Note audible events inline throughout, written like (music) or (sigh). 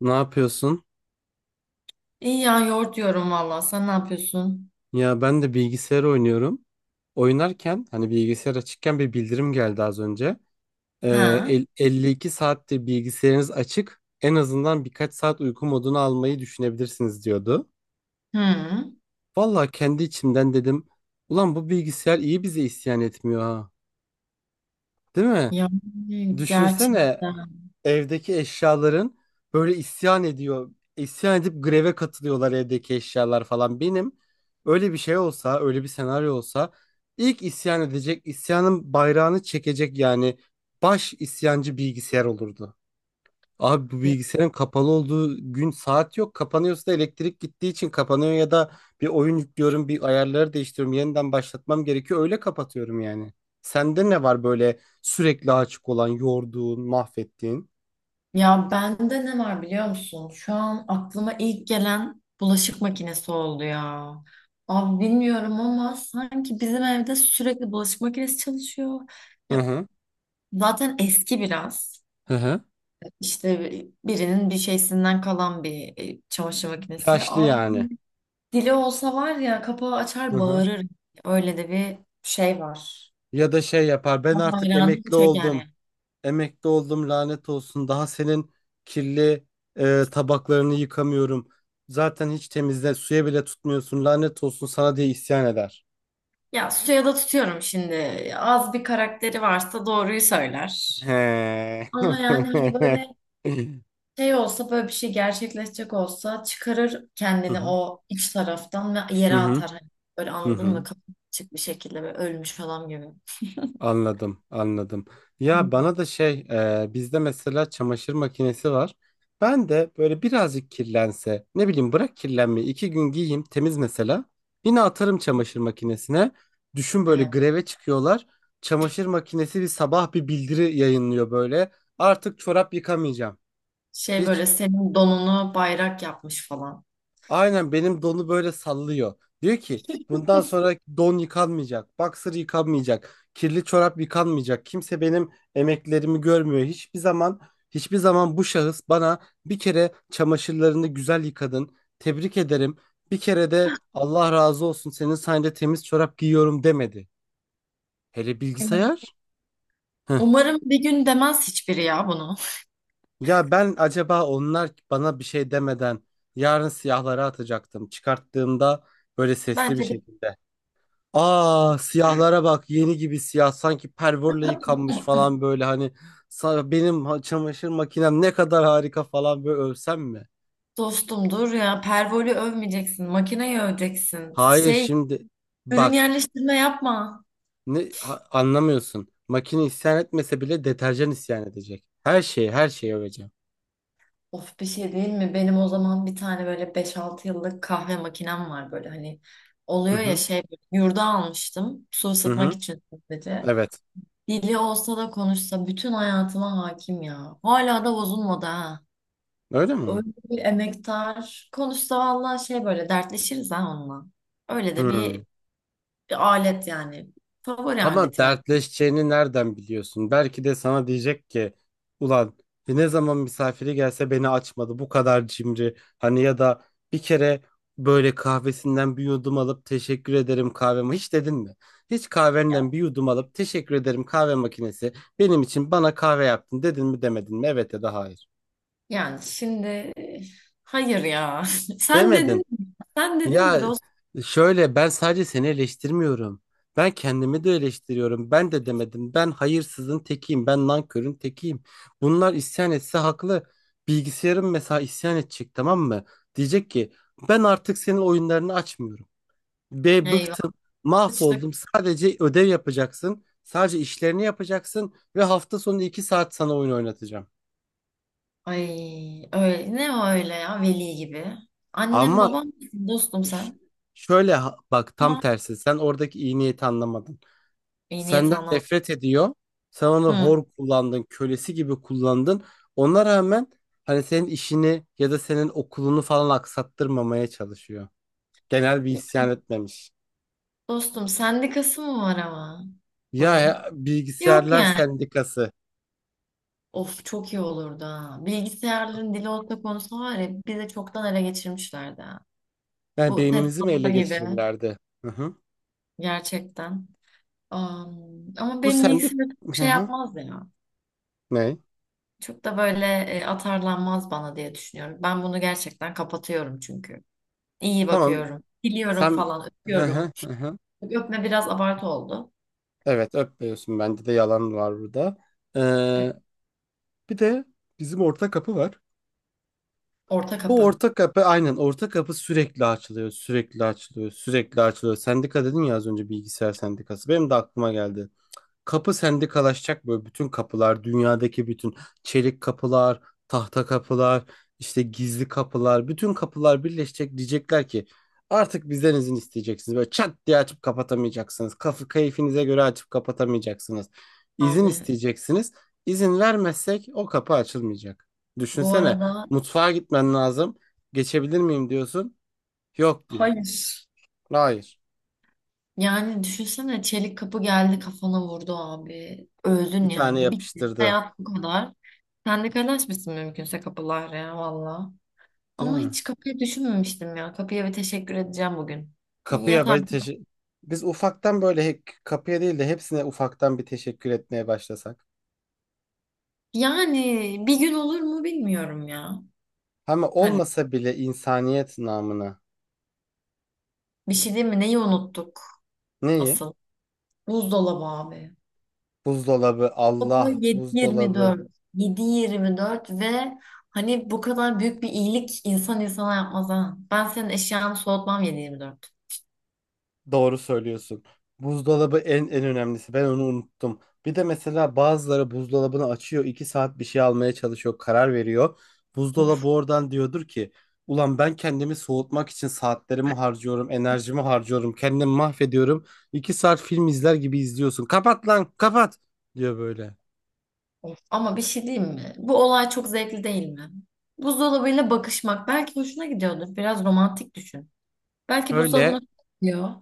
Ne yapıyorsun? İyi ya yoğurt diyorum valla. Sen ne yapıyorsun? Ya ben de bilgisayar oynuyorum. Oynarken hani bilgisayar açıkken bir bildirim geldi az önce. Ha? 52 saattir bilgisayarınız açık. En azından birkaç saat uyku modunu almayı düşünebilirsiniz diyordu. Hı. Vallahi kendi içimden dedim. Ulan bu bilgisayar iyi bize isyan etmiyor ha. Değil mi? Ya Düşünsene gerçekten. evdeki eşyaların böyle isyan ediyor. İsyan edip greve katılıyorlar evdeki eşyalar falan. Benim öyle bir şey olsa, öyle bir senaryo olsa ilk isyan edecek, isyanın bayrağını çekecek yani baş isyancı bilgisayar olurdu. Abi bu bilgisayarın kapalı olduğu gün saat yok. Kapanıyorsa da elektrik gittiği için kapanıyor ya da bir oyun yüklüyorum, bir ayarları değiştiriyorum, yeniden başlatmam gerekiyor. Öyle kapatıyorum yani. Sende ne var böyle sürekli açık olan, yorduğun, mahvettiğin? Ya bende ne var biliyor musun? Şu an aklıma ilk gelen bulaşık makinesi oldu ya. Abi bilmiyorum ama sanki bizim evde sürekli bulaşık makinesi çalışıyor. Hı Ya, hı. zaten eski biraz. Hı hı. İşte birinin bir şeysinden kalan bir çamaşır makinesi. Yaşlı Abi yani. dili olsa var ya kapağı Hı açar hı. bağırır. Öyle de bir şey var. Ya da şey yapar. Ben artık Bayrağını emekli çöker oldum. yani. Emekli oldum lanet olsun. Daha senin kirli tabaklarını yıkamıyorum. Zaten hiç temizle suya bile tutmuyorsun. Lanet olsun sana diye isyan eder. Ya suya da tutuyorum şimdi. Az bir karakteri varsa doğruyu söyler. He. Ama yani hani (laughs) böyle şey olsa böyle bir şey gerçekleşecek olsa çıkarır Hı kendini hı. o iç taraftan ve Hı yere hı. atar. Hani böyle Hı anladın hı. mı? Kapı açık bir şekilde böyle ölmüş adam gibi. Anladım, anladım. Ya Hmm. bana da şey, e, Bizde mesela çamaşır makinesi var. Ben de böyle birazcık kirlense, ne bileyim bırak kirlenmeyi, iki gün giyeyim temiz mesela. Yine atarım çamaşır makinesine. Düşün böyle Evet. greve çıkıyorlar. Çamaşır makinesi bir sabah bir bildiri yayınlıyor böyle. Artık çorap yıkamayacağım. Şey Hiç. böyle senin donunu bayrak yapmış falan. Aynen benim donu böyle sallıyor. Diyor ki bundan sonra don yıkanmayacak, boxer yıkanmayacak, kirli çorap yıkanmayacak. Kimse benim emeklerimi görmüyor. Hiçbir zaman bu şahıs bana bir kere çamaşırlarını güzel yıkadın. Tebrik ederim. Bir kere de Allah razı olsun senin sayende temiz çorap giyiyorum demedi. Hele Evet. bilgisayar? Heh. Umarım bir gün demez hiçbiri ya bunu. Ya ben acaba onlar bana bir şey demeden yarın siyahlara atacaktım. Çıkarttığımda böyle sesli bir Bence bir şekilde. Aa siyahlara bak yeni gibi siyah sanki pervorla yıkanmış falan böyle hani çamaşır makinem ne kadar harika falan böyle övsem mi? dostumdur ya. Pervoli övmeyeceksin. Makineyi öveceksin. Hayır Şey şimdi ürün bak yerleştirme yapma. Anlamıyorsun makine isyan etmese bile deterjan isyan edecek her şeyi öveceğim. Of bir şey değil mi? Benim o zaman bir tane böyle beş altı yıllık kahve makinem var böyle hani Hı oluyor ya hı şey yurda almıştım su hı ısıtmak hı için sadece. evet Dili olsa da konuşsa bütün hayatıma hakim ya. Hala da bozulmadı ha. öyle mi? Öyle bir emektar. Konuşsa vallahi şey böyle dertleşiriz ha onunla. Öyle de Hı. bir, bir alet yani. Favori Ama aletim evet. dertleşeceğini nereden biliyorsun? Belki de sana diyecek ki ulan ne zaman misafiri gelse beni açmadı bu kadar cimri. Hani ya da bir kere böyle kahvesinden bir yudum alıp teşekkür ederim kahveme hiç dedin mi? Hiç Yani kahvenden bir yudum alıp teşekkür ederim kahve makinesi benim için bana kahve yaptın dedin mi demedin mi? Evet ya da hayır. yani şimdi hayır ya. (laughs) Sen dedin Demedin. mi? Sen dedin Ya mi? şöyle ben sadece seni eleştirmiyorum. Ben kendimi de eleştiriyorum. Ben de demedim. Ben hayırsızın tekiyim. Ben nankörün tekiyim. Bunlar isyan etse haklı. Bilgisayarım mesela isyan edecek tamam mı? Diyecek ki ben artık senin oyunlarını açmıyorum. Be Eyvah. bıktım. İşte Mahvoldum. Sadece ödev yapacaksın. Sadece işlerini yapacaksın. Ve hafta sonu 2 saat sana oyun oynatacağım. ay öyle ne o öyle ya veli gibi. Annem Ama babam mısın dostum ş- sen. şöyle bak tam Ama tersi. Sen oradaki iyi niyeti anlamadın. iyi niyet Senden anlamadım. nefret ediyor. Sen onu Hı. hor kullandın, kölesi gibi kullandın. Ona rağmen hani senin işini ya da senin okulunu falan aksattırmamaya çalışıyor. Genel bir Ya isyan etmemiş. dostum sendikası mı var ama bunun? Yok Bilgisayarlar yani. sendikası. Of çok iyi olurdu ha. Bilgisayarların dili olsa konusu var ya bizi çoktan ele geçirmişlerdi ha. Yani Bu beynimizi mi TED'ler ele gibi geçirirlerdi? Hı hı. gerçekten. Am, ama Bu benim sendik... bilgisayarım çok Hı şey hı. yapmaz ya. Ne? Çok da böyle atarlanmaz bana diye düşünüyorum. Ben bunu gerçekten kapatıyorum çünkü. İyi Tamam. bakıyorum. Biliyorum Sen... falan. Hı Öpüyorum. hı, hı hı. Öpme biraz abartı oldu. Evet öpmüyorsun. Bende de yalan var burada. Evet. Ee, Bir de bizim ortak kapı var. Orta Bu kapı. orta kapı aynen orta kapı sürekli açılıyor. Sendika dedin ya az önce bilgisayar sendikası. Benim de aklıma geldi. Kapı sendikalaşacak böyle bütün kapılar, dünyadaki bütün çelik kapılar, tahta kapılar, işte gizli kapılar, bütün kapılar birleşecek diyecekler ki artık bizden izin isteyeceksiniz. Böyle çat diye açıp kapatamayacaksınız. Kafı keyfinize göre açıp kapatamayacaksınız. İzin Abi isteyeceksiniz. İzin vermezsek o kapı açılmayacak. bu Düşünsene arada mutfağa gitmen lazım. Geçebilir miyim diyorsun. Yok diyor. hayır. Hayır. Yani düşünsene çelik kapı geldi kafana vurdu abi. Öldün Bir tane yani. Bitti. yapıştırdı. Hayat bu kadar. Sen de kaynaşmışsın mümkünse kapılar ya valla. Değil Ama mi? hiç kapıyı düşünmemiştim ya. Kapıya bir teşekkür edeceğim bugün. Bir Kapıya böyle yatarken. teşe- Biz ufaktan böyle kapıya değil de hepsine ufaktan bir teşekkür etmeye başlasak. Yani bir gün olur mu bilmiyorum ya. Ama Hani olmasa bile insaniyet namına. bir şey değil mi? Neyi unuttuk Neyi? asıl? Buzdolabı abi. Buzdolabı, Baba Allah, buzdolabı. 7-24. 7-24 ve hani bu kadar büyük bir iyilik insan insana yapmaz ha. Ben senin eşyanı soğutmam 7-24. Doğru söylüyorsun. Buzdolabı en önemlisi. Ben onu unuttum. Bir de mesela bazıları buzdolabını açıyor, 2 saat bir şey almaya çalışıyor, karar veriyor. Buzdolabı Of, oradan diyordur ki, ulan ben kendimi soğutmak için saatlerimi harcıyorum, enerjimi harcıyorum, kendimi mahvediyorum. 2 saat film izler gibi izliyorsun. Kapat lan, kapat diyor böyle. of. Ama bir şey diyeyim mi? Bu olay çok zevkli değil mi? Buzdolabıyla bakışmak belki hoşuna gidiyordur. Biraz romantik düşün. Belki Öyle. buzdolabına gidiyor.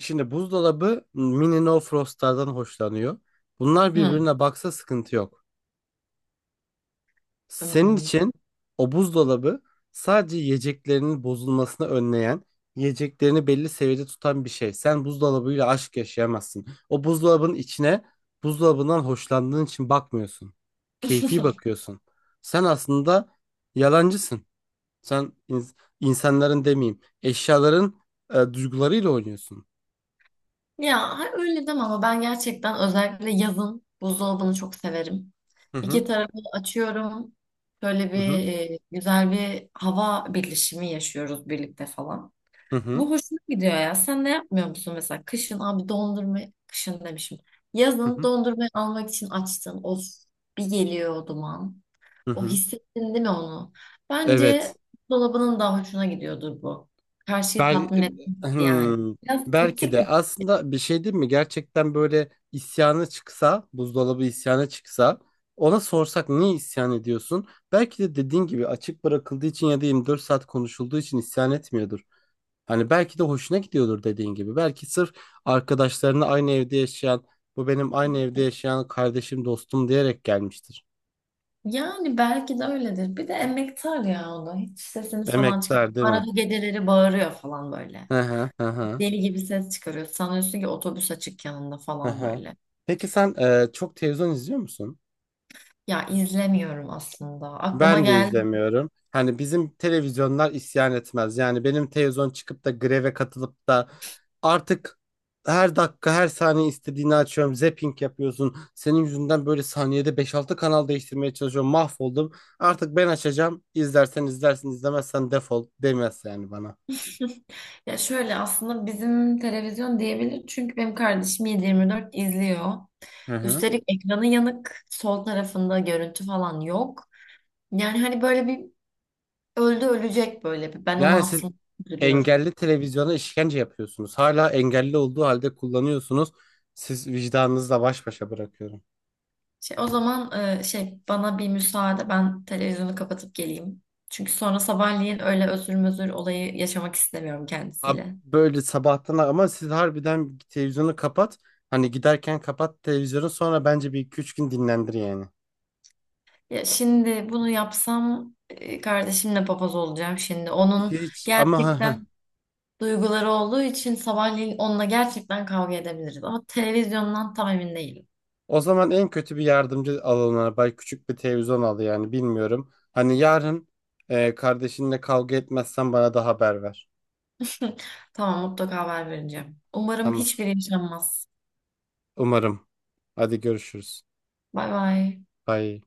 Şimdi buzdolabı mini no frostlardan hoşlanıyor. Bunlar Hı. birbirine baksa sıkıntı yok. Senin Hmm. için o buzdolabı sadece yiyeceklerinin bozulmasını önleyen, yiyeceklerini belli seviyede tutan bir şey. Sen buzdolabıyla aşk yaşayamazsın. O buzdolabının içine buzdolabından hoşlandığın için bakmıyorsun. Keyfi bakıyorsun. Sen aslında yalancısın. Sen insanların demeyeyim, eşyaların duygularıyla oynuyorsun. Ya hayır, öyle deme ama ben gerçekten özellikle yazın buzdolabını çok severim. Hı hı, İki tarafı açıyorum. Böyle bir hı hı, güzel bir hava birleşimi yaşıyoruz birlikte falan. hı hı, Bu hoşuma gidiyor ya. Sen ne yapmıyor musun mesela? Kışın abi dondurma, kışın demişim. hı Yazın hı, dondurmayı almak için açtın. Of bir geliyor o duman. hı O hı. hissettin değil mi onu? Bence Evet. dolabının daha hoşuna gidiyordur bu. Karşıyı Bel tatmin etmek yani. Hmm, Biraz Belki toksik. de aslında bir şey değil mi? Gerçekten böyle isyanı çıksa, buzdolabı isyanı çıksa, ona sorsak niye isyan ediyorsun? Belki de dediğin gibi açık bırakıldığı için ya da 24 saat konuşulduğu için isyan etmiyordur. Hani belki de hoşuna gidiyordur dediğin gibi. Belki sırf arkadaşlarını aynı evde yaşayan, bu benim aynı evde yaşayan kardeşim, dostum diyerek gelmiştir. Yani belki de öyledir. Bir de emektar ya o da. Hiç sesini falan Emektar çıkarmıyor. değil mi? Arada geceleri bağırıyor falan böyle. Hı hı hı hı. Deli gibi ses çıkarıyor. Sanıyorsun ki otobüs açık yanında Hı falan hı. böyle. Peki sen çok televizyon izliyor musun? Ya izlemiyorum aslında. Aklıma Ben de geldi. izlemiyorum. Hani bizim televizyonlar isyan etmez. Yani benim televizyon çıkıp da greve katılıp da artık her dakika her saniye istediğini açıyorum. Zapping yapıyorsun. Senin yüzünden böyle saniyede beş altı kanal değiştirmeye çalışıyorum. Mahvoldum. Artık ben açacağım. İzlersen izlersin, izlemezsen defol demez yani bana. (laughs) Ya şöyle aslında bizim televizyon diyebilir. Çünkü benim kardeşim 7/24 izliyor. Hı hı. Üstelik ekranı yanık. Sol tarafında görüntü falan yok. Yani hani böyle bir öldü ölecek böyle bir. Ben onu Yani siz aslında üzülüyorum. engelli televizyona işkence yapıyorsunuz. Hala engelli olduğu halde kullanıyorsunuz. Siz vicdanınızla baş başa bırakıyorum. Şey, o zaman şey bana bir müsaade ben televizyonu kapatıp geleyim. Çünkü sonra sabahleyin öyle özür mözür olayı yaşamak istemiyorum Abi kendisiyle. böyle sabahtan ama siz harbiden televizyonu kapat. Hani giderken kapat televizyonu sonra bence bir iki üç gün dinlendir yani. Ya şimdi bunu yapsam kardeşimle papaz olacağım şimdi. Onun Hiç ama ha ha. gerçekten duyguları olduğu için sabahleyin onunla gerçekten kavga edebiliriz. Ama televizyondan tam emin değilim. O zaman en kötü bir yardımcı alanına bay küçük bir televizyon al yani bilmiyorum. Hani yarın kardeşinle kavga etmezsen bana da haber ver. (laughs) Tamam mutlaka haber vereceğim. Umarım Tamam. hiçbiri yaşanmaz. Umarım. Hadi görüşürüz. Bay bay. Bye.